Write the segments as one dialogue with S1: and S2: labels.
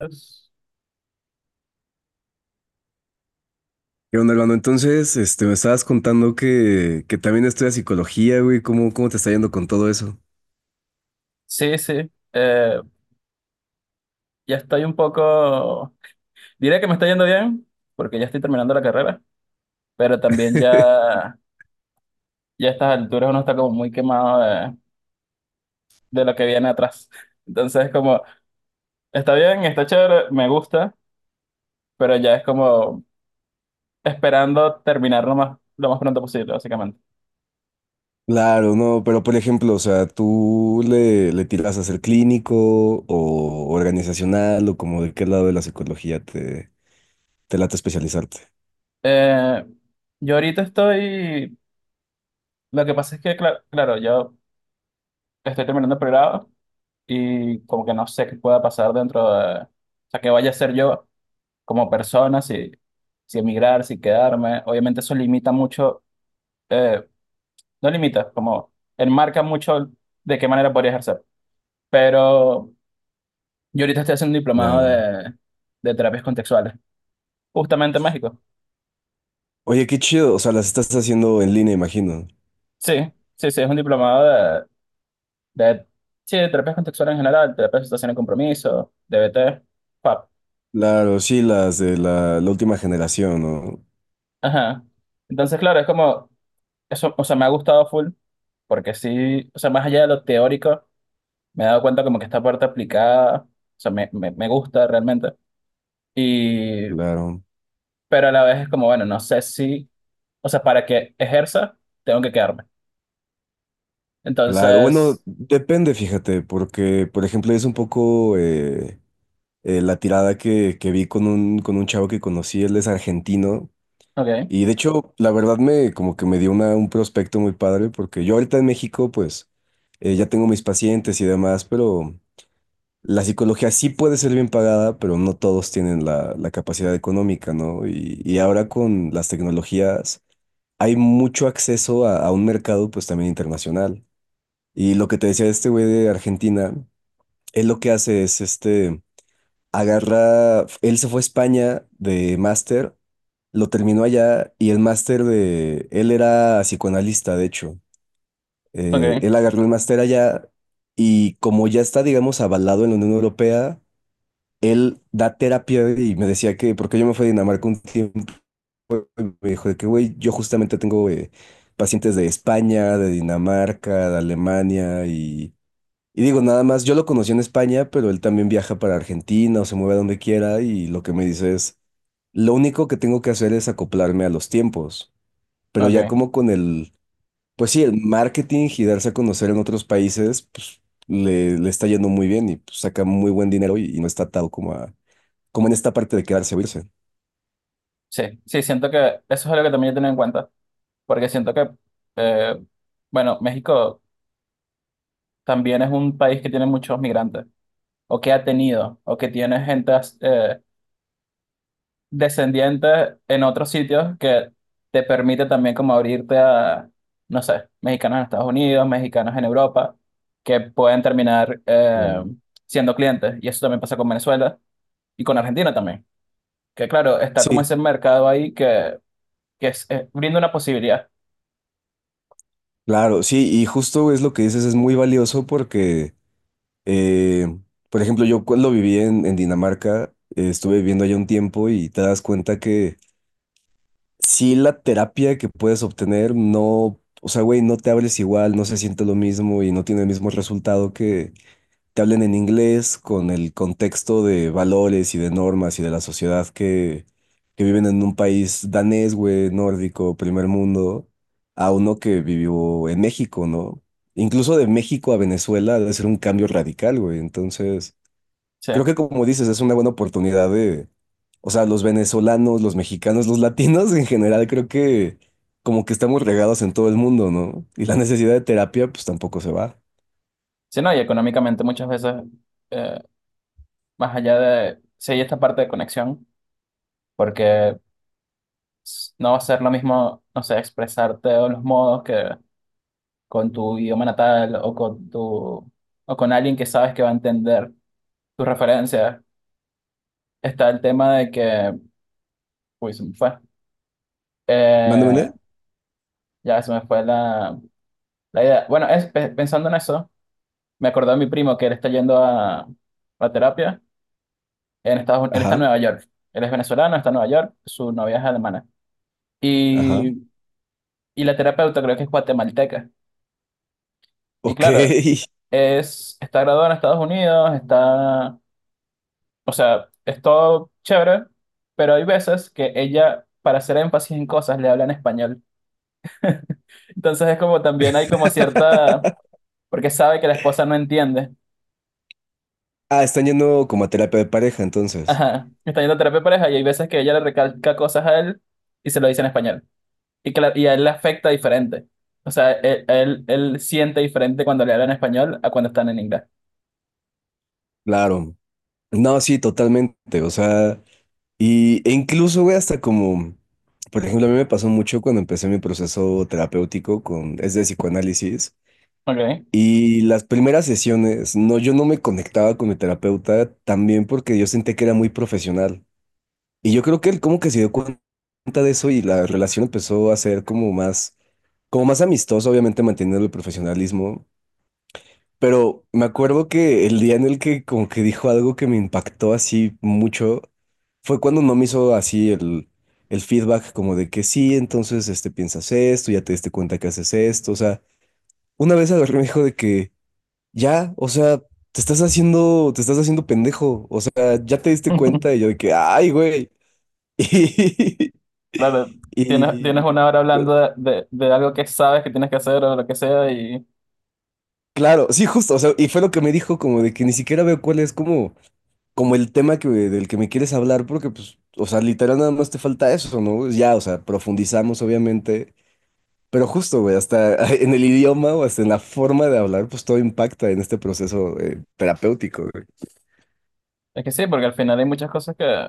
S1: Es-
S2: ¿Qué onda, hermano? Entonces, me estabas contando que también estudias psicología, güey. ¿Cómo te está yendo con todo eso?
S1: Sí, sí. Eh, ya estoy un poco. Diré que me está yendo bien, porque ya estoy terminando la carrera, pero también ya a estas alturas uno está como muy quemado de lo que viene atrás. Entonces, como, está bien, está chévere, me gusta, pero ya es como esperando terminar lo más pronto posible, básicamente.
S2: Claro, no, pero por ejemplo, o sea, ¿tú le tiras a ser clínico o organizacional o como de qué lado de la psicología te late especializarte?
S1: Eh, yo ahorita estoy. Lo que pasa es que, claro, yo estoy terminando el pregrado y como que no sé qué pueda pasar dentro de. O sea, qué vaya a ser yo como persona, si emigrar, si quedarme. Obviamente eso limita mucho, eh, no limita, como enmarca mucho de qué manera podría ejercer. Pero yo ahorita estoy haciendo un diplomado
S2: Claro.
S1: de terapias contextuales, justamente en México.
S2: Oye, qué chido, o sea, las estás haciendo en línea, imagino.
S1: Sí, sí, sí, es un diplomado de, sí, de terapias contextuales en general, terapia de situación de compromiso, DBT, PAP.
S2: Claro, sí, las de la última generación, ¿no?
S1: Ajá. Entonces, claro, es como, eso, o sea, me ha gustado full, porque sí, o sea, más allá de lo teórico me he dado cuenta como que esta parte aplicada, o sea, me gusta realmente. Y,
S2: Claro,
S1: pero a la vez es como, bueno, no sé si, o sea, para que ejerza, tengo que quedarme.
S2: claro. Bueno,
S1: Entonces,
S2: depende, fíjate, porque, por ejemplo, es un poco... la tirada que vi con con un chavo que conocí, él es argentino.
S1: ok,
S2: Y de hecho, la verdad me como que me dio un prospecto muy padre, porque yo ahorita en México, pues, ya tengo mis pacientes y demás, pero la psicología sí puede ser bien pagada, pero no todos tienen la capacidad económica, ¿no? Y ahora con las tecnologías hay mucho acceso a un mercado, pues, también internacional. Y lo que te decía este güey de Argentina, él lo que hace es agarra, él se fue a España de máster, lo terminó allá y el máster de, él era psicoanalista, de hecho.
S1: ok,
S2: Él agarró el máster allá y como ya está, digamos, avalado en la Unión Europea, él da terapia y me decía que, porque yo me fui a Dinamarca un tiempo y me dijo de que, güey, yo justamente tengo pacientes de España, de Dinamarca, de Alemania y... Y digo, nada más, yo lo conocí en España, pero él también viaja para Argentina o se mueve a donde quiera y lo que me dice es, lo único que tengo que hacer es acoplarme a los tiempos, pero ya
S1: ok.
S2: como con pues sí, el marketing y darse a conocer en otros países, pues le está yendo muy bien y pues, saca muy buen dinero y no está atado como como en esta parte de quedarse o irse.
S1: Sí, sí, siento que eso es algo que también he tenido en cuenta, porque siento que, eh, bueno, México también es un país que tiene muchos migrantes, o que ha tenido, o que tiene gente, eh, descendientes en otros sitios que te permite también como abrirte a, no sé, mexicanos en Estados Unidos, mexicanos en Europa, que pueden terminar
S2: Claro.
S1: siendo clientes. Y eso también pasa con Venezuela y con Argentina también. Que claro, está como
S2: Sí,
S1: ese mercado ahí que brinda una posibilidad.
S2: claro, sí, y justo es lo que dices, es muy valioso porque... Eh, por ejemplo, yo cuando viví en Dinamarca, estuve viviendo allá un tiempo y te das cuenta que sí la terapia que puedes obtener no, o sea, güey, no te hables igual, no se siente lo mismo y no tiene el mismo resultado que te hablen en inglés con el contexto de valores y de normas y de la sociedad que viven en un país danés, güey, nórdico, primer mundo, a uno que vivió en México, ¿no? Incluso de México a Venezuela debe ser un cambio radical, güey. Entonces,
S1: Sí.
S2: creo que como dices, es una buena oportunidad de, o sea, los venezolanos, los mexicanos, los latinos en general, creo que como que estamos regados en todo el mundo, ¿no? Y la necesidad de terapia, pues tampoco se va.
S1: Sí, no, y económicamente muchas veces, eh, más allá de, sí hay esta parte de conexión, porque no va a ser lo mismo, no sé, expresarte o los modos que con tu idioma natal o con tu o con alguien que sabes que va a entender tus referencias. Está el tema de que, uy, se me fue.
S2: ¿Mande,
S1: Eh,
S2: mande?
S1: ya se me fue la idea. Bueno, pensando en eso, me acordé de mi primo que él está yendo a terapia en Estados Unidos. Él está en
S2: Ajá,
S1: Nueva York. Él es venezolano, está en Nueva York, su novia es alemana.
S2: ajá.
S1: Y, y la terapeuta creo que es guatemalteca. Y
S2: Ok.
S1: claro, es, está graduado en Estados Unidos, está. O sea, es todo chévere, pero hay veces que ella, para hacer énfasis en cosas, le habla en español. Entonces es como también hay como cierta, porque sabe que la esposa no entiende.
S2: Ah, están yendo como a terapia de pareja, entonces.
S1: Ajá, está yendo a terapia de pareja y hay veces que ella le recalca cosas a él y se lo dice en español. Que y a él le afecta diferente. O sea, él siente diferente cuando le hablan en español a cuando están en inglés.
S2: Claro. No, sí, totalmente. O sea, e incluso, güey, hasta como, por ejemplo, a mí me pasó mucho cuando empecé mi proceso terapéutico con, es de psicoanálisis.
S1: Ok.
S2: Y las primeras sesiones, no, yo no me conectaba con mi terapeuta también porque yo sentía que era muy profesional. Y yo creo que él como que se dio cuenta de eso y la relación empezó a ser como más amistosa, obviamente manteniendo el profesionalismo. Pero me acuerdo que el día en el que como que dijo algo que me impactó así mucho fue cuando no me hizo así el feedback como de que sí, entonces este piensas esto, ya te diste cuenta que haces esto. O sea, una vez agarré y me dijo de que ya, o sea, te estás haciendo pendejo, o sea, ya te diste cuenta y yo de que, ay, güey.
S1: Claro,
S2: Y,
S1: tienes una hora
S2: y- pero,
S1: hablando de algo que sabes que tienes que hacer o lo que sea. Y
S2: claro, sí, justo, o sea, y fue lo que me dijo como de que ni siquiera veo cuál es como, como el tema que, del que me quieres hablar, porque pues, o sea, literal nada más te falta eso, ¿no? Ya, o sea, profundizamos obviamente, pero justo, güey, hasta en el idioma o hasta en la forma de hablar, pues todo impacta en este proceso terapéutico, güey.
S1: es que sí, porque al final hay muchas cosas que...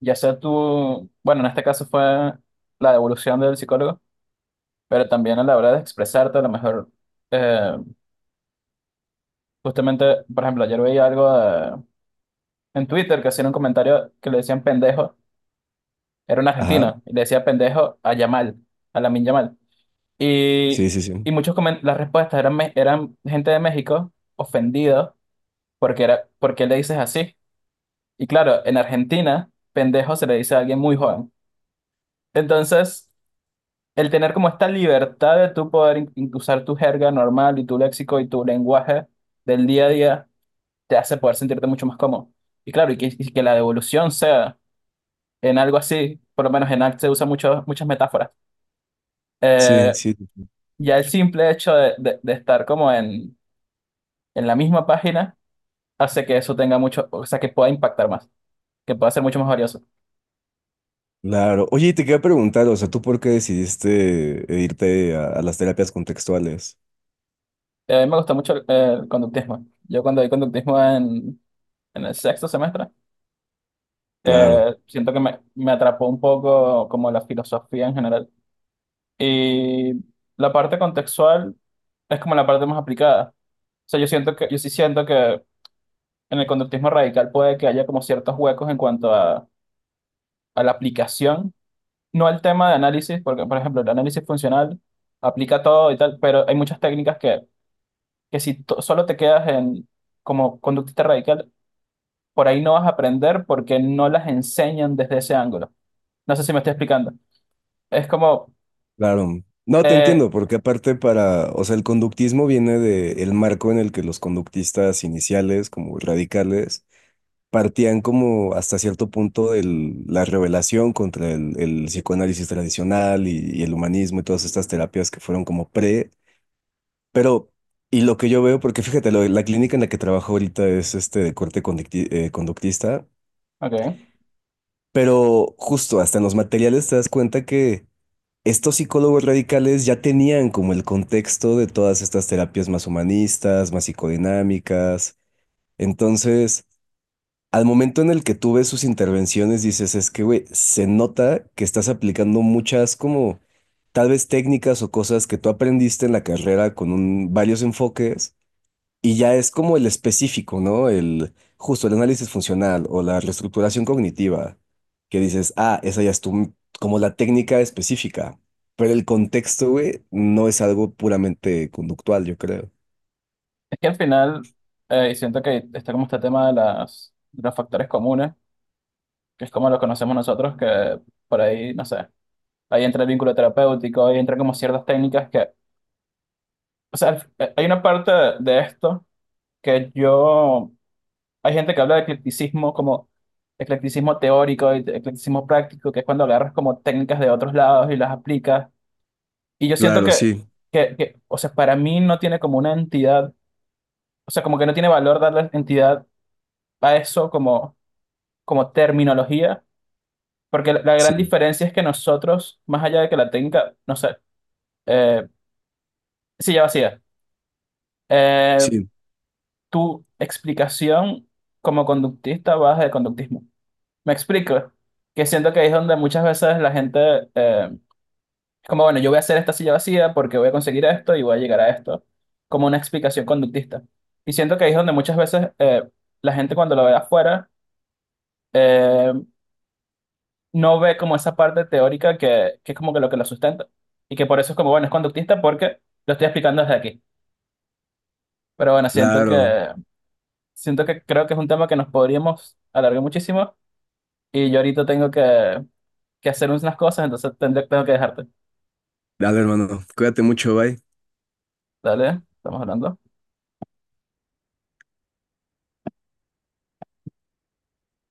S1: Ya sea tú, bueno, en este caso fue la devolución del psicólogo, pero también a la hora de expresarte, a lo mejor, eh, justamente, por ejemplo, ayer veía algo en Twitter que hacían un comentario que le decían pendejo, era un
S2: Ajá,
S1: argentino, y le decía pendejo a Yamal, a Lamin Yamal. Y,
S2: sí, sí,
S1: y
S2: sí.
S1: muchos las respuestas eran gente de México ofendido porque era, ¿por qué le dices así? Y claro, en Argentina, pendejo se le dice a alguien muy joven. Entonces, el tener como esta libertad de tú poder usar tu jerga normal y tu léxico y tu lenguaje del día a día te hace poder sentirte mucho más cómodo. Y claro, y y que la devolución sea en algo así, por lo menos en arte se usa mucho, muchas metáforas.
S2: Sí,
S1: Eh,
S2: sí.
S1: ya el simple hecho de estar como en la misma página hace que eso tenga mucho, o sea, que pueda impactar más, que pueda ser mucho más valioso.
S2: Claro. Oye, y te quería preguntar, o sea, ¿tú por qué decidiste irte a las terapias contextuales?
S1: A mí me gusta mucho el conductismo. Yo cuando di conductismo en el sexto semestre,
S2: Claro,
S1: Siento que me atrapó un poco como la filosofía en general. Y la parte contextual es como la parte más aplicada. O sea, yo siento que, yo sí siento que en el conductismo radical puede que haya como ciertos huecos en cuanto a la aplicación, no al tema de análisis, porque por ejemplo el análisis funcional aplica todo y tal, pero hay muchas técnicas que si solo te quedas en como conductista radical, por ahí no vas a aprender porque no las enseñan desde ese ángulo. No sé si me estoy explicando. Es como.
S2: claro. No, te
S1: Eh,
S2: entiendo, porque aparte para, o sea, el conductismo viene del marco en el que los conductistas iniciales, como radicales, partían como hasta cierto punto de la revelación contra el psicoanálisis tradicional y el humanismo y todas estas terapias que fueron como pre, pero... Y lo que yo veo, porque fíjate, lo- la clínica en la que trabajo ahorita es este de corte conducti- conductista.
S1: ok.
S2: Pero justo hasta en los materiales te das cuenta que estos psicólogos radicales ya tenían como el contexto de todas estas terapias más humanistas, más psicodinámicas. Entonces, al momento en el que tú ves sus intervenciones, dices, es que, güey, se nota que estás aplicando muchas como tal vez técnicas o cosas que tú aprendiste en la carrera con un- varios enfoques y ya es como el específico, ¿no? El justo el análisis funcional o la reestructuración cognitiva, que dices, ah, esa ya es tu, como la técnica específica, pero el contexto, güey, no es algo puramente conductual, yo creo.
S1: Es que al final, y siento que está como este tema de, de los factores comunes, que es como lo conocemos nosotros, que por ahí, no sé, ahí entra el vínculo terapéutico, ahí entra como ciertas técnicas que, o sea, hay una parte de esto que yo, hay gente que habla de eclecticismo como eclecticismo teórico y eclecticismo práctico, que es cuando agarras como técnicas de otros lados y las aplicas. Y yo siento
S2: Claro, sí,
S1: que, o sea, para mí no tiene como una entidad, o sea, como que no tiene valor darle entidad a eso como, como terminología, porque la gran
S2: sí,
S1: diferencia es que nosotros, más allá de que la técnica, no sé, eh, silla vacía, eh,
S2: sí,
S1: tu explicación como conductista va de conductismo. ¿Me explico? Que siento que ahí es donde muchas veces la gente, eh, es como, bueno, yo voy a hacer esta silla vacía porque voy a conseguir esto y voy a llegar a esto, como una explicación conductista. Y siento que ahí es donde muchas veces la gente cuando lo ve afuera, eh, no ve como esa parte teórica que es como que lo sustenta. Y que por eso es como, bueno, es conductista porque lo estoy explicando desde aquí. Pero bueno,
S2: claro.
S1: siento que creo que es un tema que nos podríamos alargar muchísimo. Y yo ahorita tengo que hacer unas cosas, entonces tendré, tengo que dejarte.
S2: Dale, hermano, cuídate mucho, bye.
S1: Dale, estamos hablando.